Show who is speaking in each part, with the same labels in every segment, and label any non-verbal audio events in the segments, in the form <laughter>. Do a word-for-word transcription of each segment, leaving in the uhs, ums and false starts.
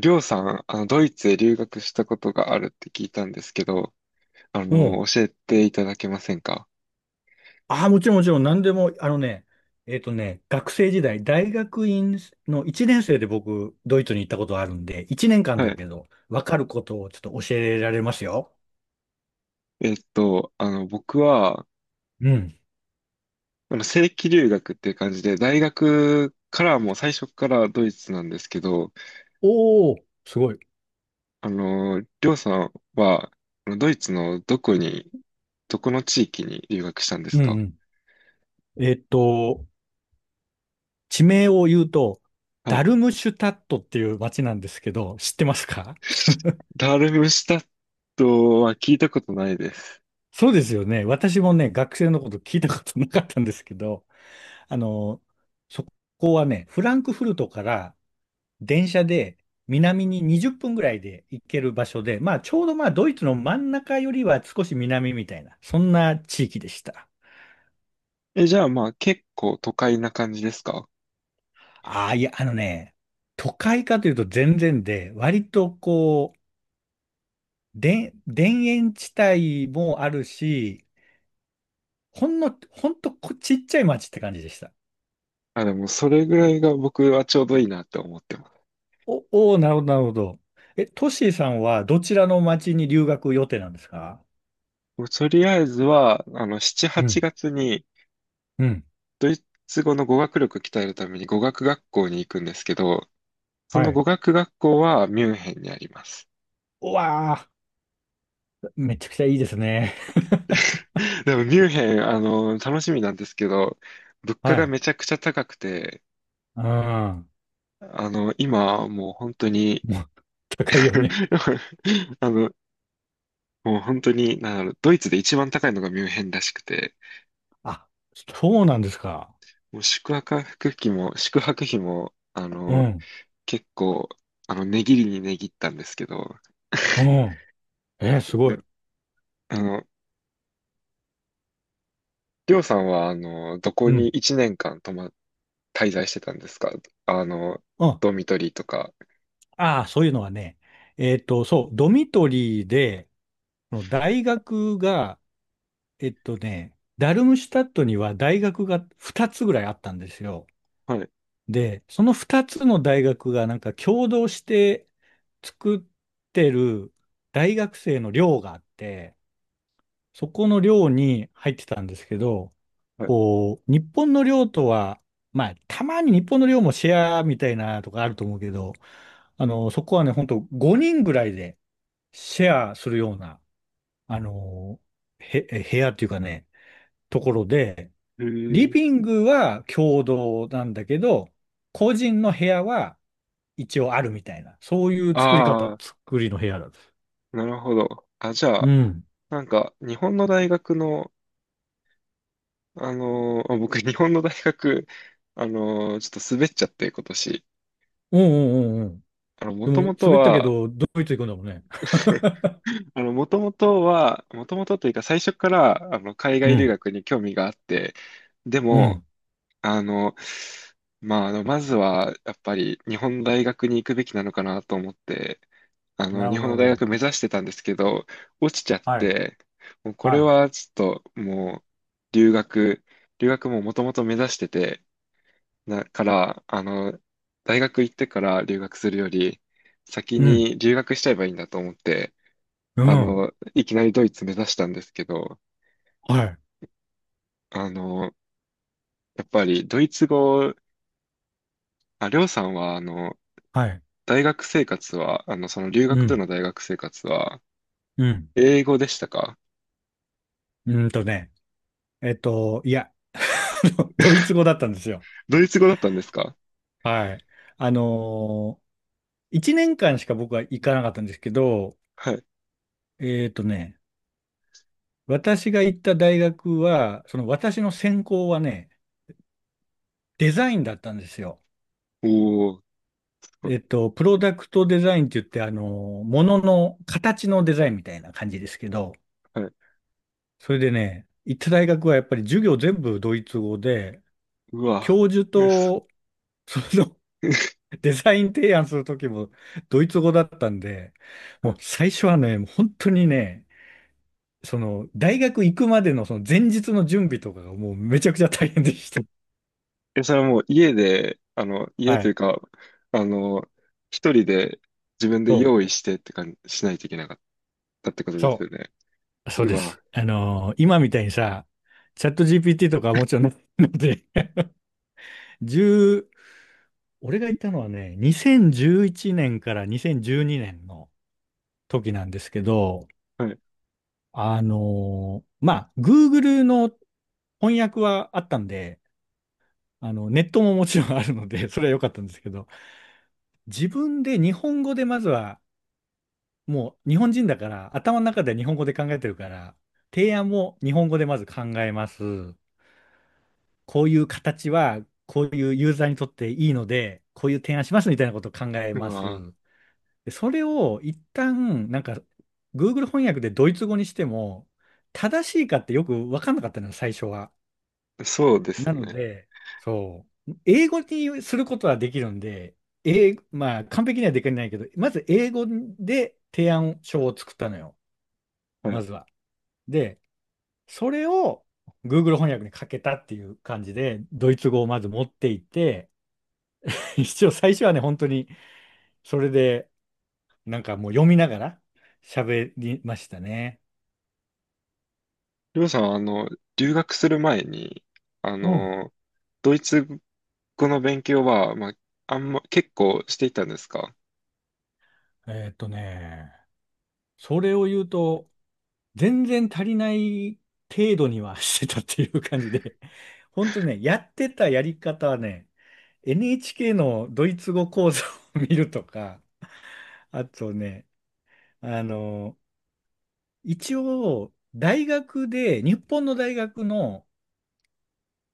Speaker 1: りょうさん、あの、ドイツへ留学したことがあるって聞いたんですけど、あ
Speaker 2: うん。
Speaker 1: の、教えていただけませんか？
Speaker 2: ああ、もちろんもちろん、何でも、あのね、えっとね、学生時代、大学院のいちねん生で僕、ドイツに行ったことあるんで、いちねんかん
Speaker 1: は
Speaker 2: だ
Speaker 1: い。
Speaker 2: けど、わかることをちょっと教えられますよ。
Speaker 1: えっと、あの、僕は、
Speaker 2: うん。
Speaker 1: あの、正規留学っていう感じで、大学からもう最初からドイツなんですけど、
Speaker 2: おー、すごい。
Speaker 1: あの、りょうさんは、あのドイツのどこに、どこの地域に留学したんで
Speaker 2: う
Speaker 1: す
Speaker 2: んう
Speaker 1: か？
Speaker 2: ん。えっと、地名を言うと、
Speaker 1: は
Speaker 2: ダ
Speaker 1: い。
Speaker 2: ルムシュタットっていう街なんですけど、知ってますか？
Speaker 1: ダルムシュタットは聞いたことないです。
Speaker 2: そうですよね。私もね、学生のこと聞いたことなかったんですけど、あの、そこはね、フランクフルトから電車で南ににじゅっぷんぐらいで行ける場所で、まあちょうどまあドイツの真ん中よりは少し南みたいな、そんな地域でした。
Speaker 1: え、じゃあまあ結構都会な感じですか？
Speaker 2: ああ、いや、あのね、都会かというと全然で、割とこう、で、田園地帯もあるし、ほんの、ほんとこちっちゃい町って感じでした。
Speaker 1: あ、でもそれぐらいが僕はちょうどいいなって思ってます。
Speaker 2: お、おお、なるほど、なるほど。え、トッシーさんはどちらの町に留学予定なんですか？
Speaker 1: もうとりあえずは、あの、しち、
Speaker 2: う
Speaker 1: 8
Speaker 2: ん、
Speaker 1: 月に
Speaker 2: うん、
Speaker 1: ドイツ語の語学力鍛えるために語学学校に行くんですけど、そ
Speaker 2: は
Speaker 1: の
Speaker 2: い、
Speaker 1: 語学学校はミュンヘンにあります。
Speaker 2: うわあ、めちゃくちゃいいですね。<laughs>
Speaker 1: <laughs> でもミュンヘン、あの、楽しみなんですけど、物価
Speaker 2: は
Speaker 1: が
Speaker 2: い。
Speaker 1: めちゃくちゃ高くて、
Speaker 2: うん。も
Speaker 1: あの、今もう本当に
Speaker 2: う、高いよね。
Speaker 1: <laughs> あの、もう本当に、なんだろう、ドイツで一番高いのがミュンヘンらしくて、
Speaker 2: あ、そうなんですか。
Speaker 1: もう宿泊費も、宿泊費も、あ
Speaker 2: う
Speaker 1: の、
Speaker 2: ん。
Speaker 1: 結構、あの、値切りに値切ったんですけど、
Speaker 2: う
Speaker 1: <laughs>
Speaker 2: ん。えーすご
Speaker 1: で
Speaker 2: い。
Speaker 1: あの、りょうさんは、あの、どこ
Speaker 2: う
Speaker 1: に
Speaker 2: ん。
Speaker 1: 1年間泊ま、滞在してたんですか？あの、
Speaker 2: うん。
Speaker 1: ドミトリーとか。
Speaker 2: ああ、そういうのはね、えっと、そう、ドミトリーで、この大学が、えっとね、ダルムシュタットには大学がふたつぐらいあったんですよ。
Speaker 1: はい、
Speaker 2: で、そのふたつの大学がなんか共同して作ってる大学生の寮があって、そこの寮に入ってたんですけど、
Speaker 1: はい。
Speaker 2: こう、日本の寮とは、まあ、たまに日本の寮もシェアみたいなとかあると思うけど、あの、そこはね、ほんとごにんぐらいでシェアするような、あの、へ、部屋っていうかね、ところで、
Speaker 1: え
Speaker 2: リ
Speaker 1: ー、
Speaker 2: ビングは共同なんだけど、個人の部屋は一応あるみたいな、そういう作り方、
Speaker 1: あ
Speaker 2: 作りの部屋だった。
Speaker 1: あ、なるほど。あ、じゃ
Speaker 2: う
Speaker 1: あ、
Speaker 2: ん。
Speaker 1: なんか、日本の大学の、あのー、僕、日本の大学、あのー、ちょっと滑っちゃって、今年。
Speaker 2: うんうんうんうん。
Speaker 1: あの、も
Speaker 2: で
Speaker 1: とも
Speaker 2: も、
Speaker 1: と
Speaker 2: 滑ったけ
Speaker 1: は
Speaker 2: ど、ドイツ行くんだもんね。
Speaker 1: <laughs> <laughs> あの、もともとは、もともとというか最初から、あの、海
Speaker 2: う
Speaker 1: 外留
Speaker 2: ん。
Speaker 1: 学に興味があって、で
Speaker 2: う
Speaker 1: も、
Speaker 2: ん、
Speaker 1: あの、まあ、あの、まずは、やっぱり日本の大学に行くべきなのかなと思って、あ
Speaker 2: な
Speaker 1: の、
Speaker 2: る
Speaker 1: 日
Speaker 2: ほど、な
Speaker 1: 本
Speaker 2: る
Speaker 1: の
Speaker 2: ほ
Speaker 1: 大
Speaker 2: ど。
Speaker 1: 学目指してたんですけど、落ちちゃっ
Speaker 2: はい、
Speaker 1: て、もうこれ
Speaker 2: は
Speaker 1: はちょっと、もう、留学、留学ももともと目指してて、だから、あの、大学行ってから留学するより、先
Speaker 2: い、うん、
Speaker 1: に留学しちゃえばいいんだと思って、
Speaker 2: う
Speaker 1: あ
Speaker 2: ん、
Speaker 1: の、いきなりドイツ目指したんですけど、
Speaker 2: はい、
Speaker 1: あの、やっぱりドイツ語、あ、りょうさんは、あの、
Speaker 2: はい、
Speaker 1: 大学生活は、あの、その留
Speaker 2: う
Speaker 1: 学で
Speaker 2: ん、
Speaker 1: の大学生活は、
Speaker 2: うん、
Speaker 1: 英語でしたか？
Speaker 2: うんとね、えっと、いや、<laughs> ドイツ語だったんですよ。
Speaker 1: ドイツ語だったんですか？
Speaker 2: はい。あのー一年間しか僕は行かなかったんですけど、
Speaker 1: はい。
Speaker 2: えっとね、私が行った大学は、その私の専攻はね、デザインだったんですよ。
Speaker 1: おー、すごい。
Speaker 2: えっと、プロダクトデザインって言って、あのー、ものの形のデザインみたいな感じですけど、
Speaker 1: はい。
Speaker 2: それでね、行った大学はやっぱり授業全部ドイツ語で、
Speaker 1: うわ、
Speaker 2: 教授
Speaker 1: <laughs> えすごい
Speaker 2: とその <laughs> デザイン提案するときもドイツ語だったんで、
Speaker 1: <laughs> は
Speaker 2: もう
Speaker 1: い、
Speaker 2: 最初はね、もう本当にね、その大学行くまでのその前日の準備とかがもうめちゃくちゃ大変でした。
Speaker 1: え、それはもう家で、あの、家
Speaker 2: は
Speaker 1: という
Speaker 2: い。
Speaker 1: か、あの、一人で自分で
Speaker 2: そ
Speaker 1: 用意してって感じしないといけなかったってこと
Speaker 2: う、
Speaker 1: です
Speaker 2: そ
Speaker 1: よね。
Speaker 2: う、そう
Speaker 1: う
Speaker 2: で
Speaker 1: わ、
Speaker 2: す。あのー今みたいにさ、チャット ジーピーティー とかはもちろんないので、<laughs> 十俺が行ったのはね、にせんじゅういちねんからにせんじゅうにねんの時なんですけど、
Speaker 1: はい。
Speaker 2: あのーまあ、Google の翻訳はあったんで、あの、ネットももちろんあるので、<laughs> それは良かったんですけど、自分で日本語でまずは、もう日本人だから、頭の中で日本語で考えてるから、提案も日本語でまず考えます。こういう形は、こういうユーザーにとっていいので、こういう提案しますみたいなことを考え
Speaker 1: う
Speaker 2: ます。
Speaker 1: わ、
Speaker 2: で、それを一旦、なんか、Google 翻訳でドイツ語にしても、正しいかってよく分かんなかったのよ、最初は。
Speaker 1: そうです
Speaker 2: な
Speaker 1: よ
Speaker 2: の
Speaker 1: ね。
Speaker 2: で、そう、英語にすることはできるんで、英まあ、完璧にはできないけど、まず英語で提案書を作ったのよ、
Speaker 1: はい。
Speaker 2: まずは。で、それを Google 翻訳にかけたっていう感じで、ドイツ語をまず持っていって、<laughs> 一応最初はね、本当にそれで、なんかもう読みながら喋りましたね。
Speaker 1: りょうさんは、あの、留学する前に、あ
Speaker 2: うん。
Speaker 1: の、ドイツ語の勉強は、まあ、あんま、結構していたんですか？
Speaker 2: えーっとね、それを言うと、全然足りない程度には <laughs> してたっていう感じで、本当ね、やってたやり方はね、エヌエイチケー のドイツ語講座を <laughs> 見るとか、あとね、あの、一応、大学で、日本の大学の、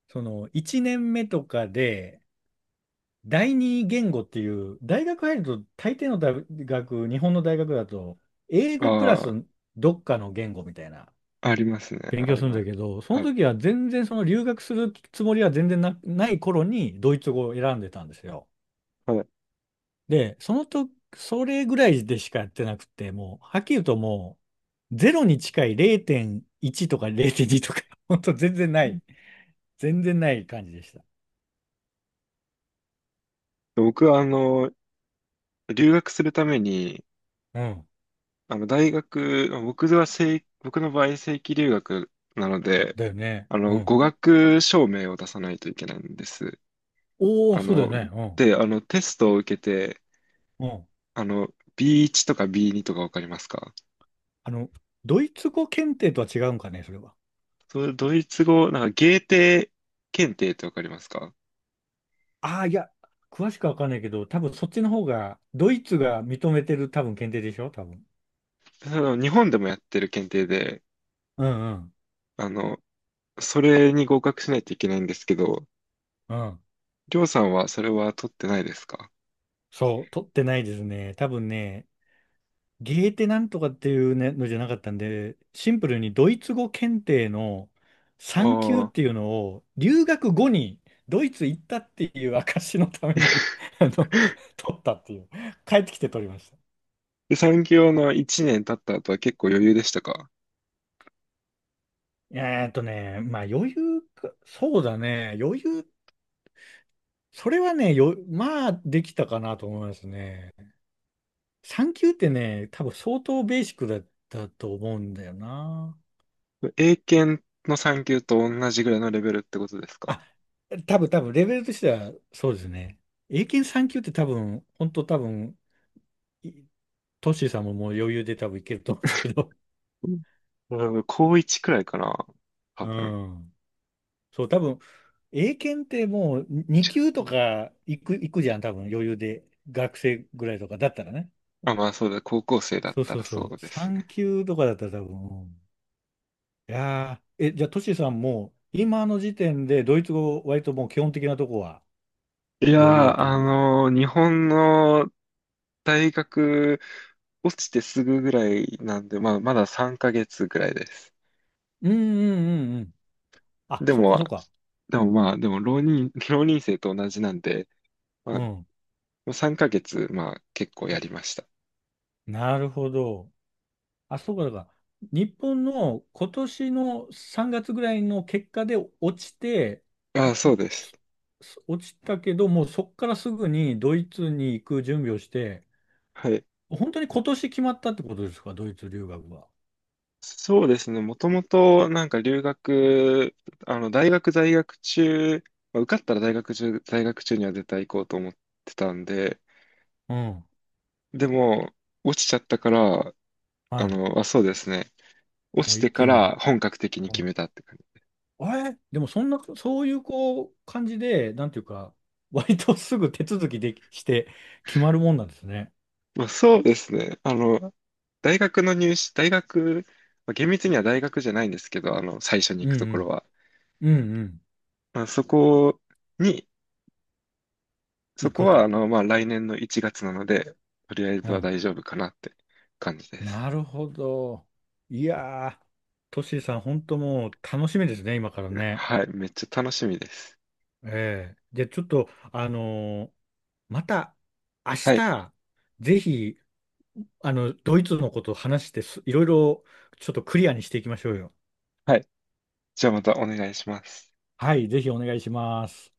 Speaker 2: その、いちねんめとかで、第二言語っていう、大学入ると、大抵の大学、日本の大学だと、英語プラ
Speaker 1: あ
Speaker 2: ス
Speaker 1: あ、
Speaker 2: どっかの言語みたいな
Speaker 1: ありますね。
Speaker 2: 勉
Speaker 1: あ
Speaker 2: 強
Speaker 1: り
Speaker 2: するん
Speaker 1: ま
Speaker 2: だ
Speaker 1: す。
Speaker 2: けど、そ
Speaker 1: は
Speaker 2: の
Speaker 1: い。
Speaker 2: 時は全然その留学するつもりは全然な、ない頃にドイツ語を選んでたんですよ。
Speaker 1: はい。
Speaker 2: で、そのと、それぐらいでしかやってなくて、もう、はっきり言うともう、ゼロに近いれいてんいちとかゼロてんにとか、<laughs> ほんと全然ない、全然ない感じでした。
Speaker 1: 僕は、あの、留学するために、
Speaker 2: うん。
Speaker 1: あの、大学、僕は正、僕の場合、正規留学なので、
Speaker 2: だよね。
Speaker 1: あ
Speaker 2: う
Speaker 1: の、語
Speaker 2: ん。
Speaker 1: 学証明を出さないといけないんです。
Speaker 2: おお、
Speaker 1: あ
Speaker 2: そうだよ
Speaker 1: の、
Speaker 2: ね。
Speaker 1: で、あの、テストを受けて、
Speaker 2: うん。うん。
Speaker 1: あの、ビーワン とか ビーツー とかわかりますか？
Speaker 2: あの、ドイツ語検定とは違うんかね、それは。
Speaker 1: ド、ドイツ語、なんかゲーテ検定ってわかりますか？
Speaker 2: ああ、いや、詳しくはわかんないけど、多分そっちの方が、ドイツが認めてる多分検定でしょ、多分。
Speaker 1: あの日本でもやってる検定で、
Speaker 2: うんうん。
Speaker 1: あの、それに合格しないといけないんですけど、
Speaker 2: うん。
Speaker 1: りょうさんはそれは取ってないですか？
Speaker 2: そう、取ってないですね。多分ね、ゲーテなんとかっていうねのじゃなかったんで、シンプルにドイツ語検定の
Speaker 1: あ
Speaker 2: さん級って
Speaker 1: あ。
Speaker 2: いうのを、留学後にドイツ行ったっていう証のために <laughs> あの、
Speaker 1: <laughs>
Speaker 2: 取ったっていう。帰ってきて取りました。
Speaker 1: で、産業のいちねん経った後は結構余裕でしたか？
Speaker 2: えーっとね、まあ余裕か、そうだね、余裕、それはね、よ、まあできたかなと思いますね。さん級ってね、多分相当ベーシックだったと思うんだよな。
Speaker 1: 英検の産級と同じぐらいのレベルってことですか？
Speaker 2: あ、多分多分レベルとしてはそうですね。英検さん級って多分、本当多分、いトッシーさんももう余裕で多分いけると思うんですけど。
Speaker 1: うん <laughs> 高いちくらいかな
Speaker 2: <laughs>
Speaker 1: 多
Speaker 2: う
Speaker 1: 分。
Speaker 2: ん。そう、多分、英検ってもうに級
Speaker 1: 違
Speaker 2: と
Speaker 1: う。
Speaker 2: か行く、行くじゃん、多分余裕で。学生ぐらいとかだったらね。
Speaker 1: あ、まあそうだ、高校生だっ
Speaker 2: そう
Speaker 1: た
Speaker 2: そう
Speaker 1: らそ
Speaker 2: そ
Speaker 1: う
Speaker 2: う。
Speaker 1: です
Speaker 2: さん
Speaker 1: ね。
Speaker 2: 級とかだったら多分。うんいやー、え、じゃあトシーさんも今の時点でドイツ語割ともう基本的なとこは
Speaker 1: いや
Speaker 2: 余裕
Speaker 1: ー、
Speaker 2: とい
Speaker 1: あ
Speaker 2: うか。
Speaker 1: のー日本の大学落ちてすぐぐらいなんで、まあ、まださんかげつぐらいです。
Speaker 2: うんうんうんうん。あ、
Speaker 1: で
Speaker 2: そっか
Speaker 1: も、
Speaker 2: そっか。
Speaker 1: でもまあ、でも浪人、<laughs> 浪人生と同じなんで、
Speaker 2: う
Speaker 1: ま
Speaker 2: ん。
Speaker 1: あ、さんかげつ、まあ、結構やりました。
Speaker 2: なるほど。あ、そうか、だから、日本の今年のさんがつぐらいの結果で落ちて、
Speaker 1: ああ、そうです。
Speaker 2: す落ちたけど、もうそこからすぐにドイツに行く準備をして、
Speaker 1: はい。
Speaker 2: 本当に今年決まったってことですか、ドイツ留学は。
Speaker 1: そうですね。もともと、なんか留学、あの、大学在学中、まあ、受かったら大学中、在学中には絶対行こうと思ってたんで、
Speaker 2: うん。
Speaker 1: でも、落ちちゃったから、あ
Speaker 2: はい。
Speaker 1: の、あ、そうですね。落
Speaker 2: も
Speaker 1: ち
Speaker 2: う一
Speaker 1: て
Speaker 2: 気
Speaker 1: から
Speaker 2: に。
Speaker 1: 本格的に
Speaker 2: う
Speaker 1: 決
Speaker 2: ん。
Speaker 1: めたって。
Speaker 2: あれでもそんな、そういうこう感じで、なんていうか、割とすぐ手続きできして決まるもんなんですね。
Speaker 1: まあ、そうですね。あの、大学の入試、大学、まあ、厳密には大学じゃないんですけど、あの、最初に
Speaker 2: う
Speaker 1: 行くところ
Speaker 2: ん
Speaker 1: は。
Speaker 2: うん。うんうん。
Speaker 1: まあ、そこに、そ
Speaker 2: 行
Speaker 1: こ
Speaker 2: く
Speaker 1: は、あ
Speaker 2: と。
Speaker 1: の、まあ、来年のいちがつなので、とりあえ
Speaker 2: う
Speaker 1: ずは
Speaker 2: ん。
Speaker 1: 大丈夫かなって感じです。
Speaker 2: なるほど。いやー、トシさん、本当もう楽しみですね、今からね。
Speaker 1: はい。めっちゃ楽しみです。
Speaker 2: ええ。で、ちょっと、あのーまた明
Speaker 1: はい。
Speaker 2: 日、ぜひ、あの、ドイツのことを話してす、いろいろちょっとクリアにしていきましょうよ。
Speaker 1: はい。じゃあまたお願いします。
Speaker 2: はい、ぜひお願いします。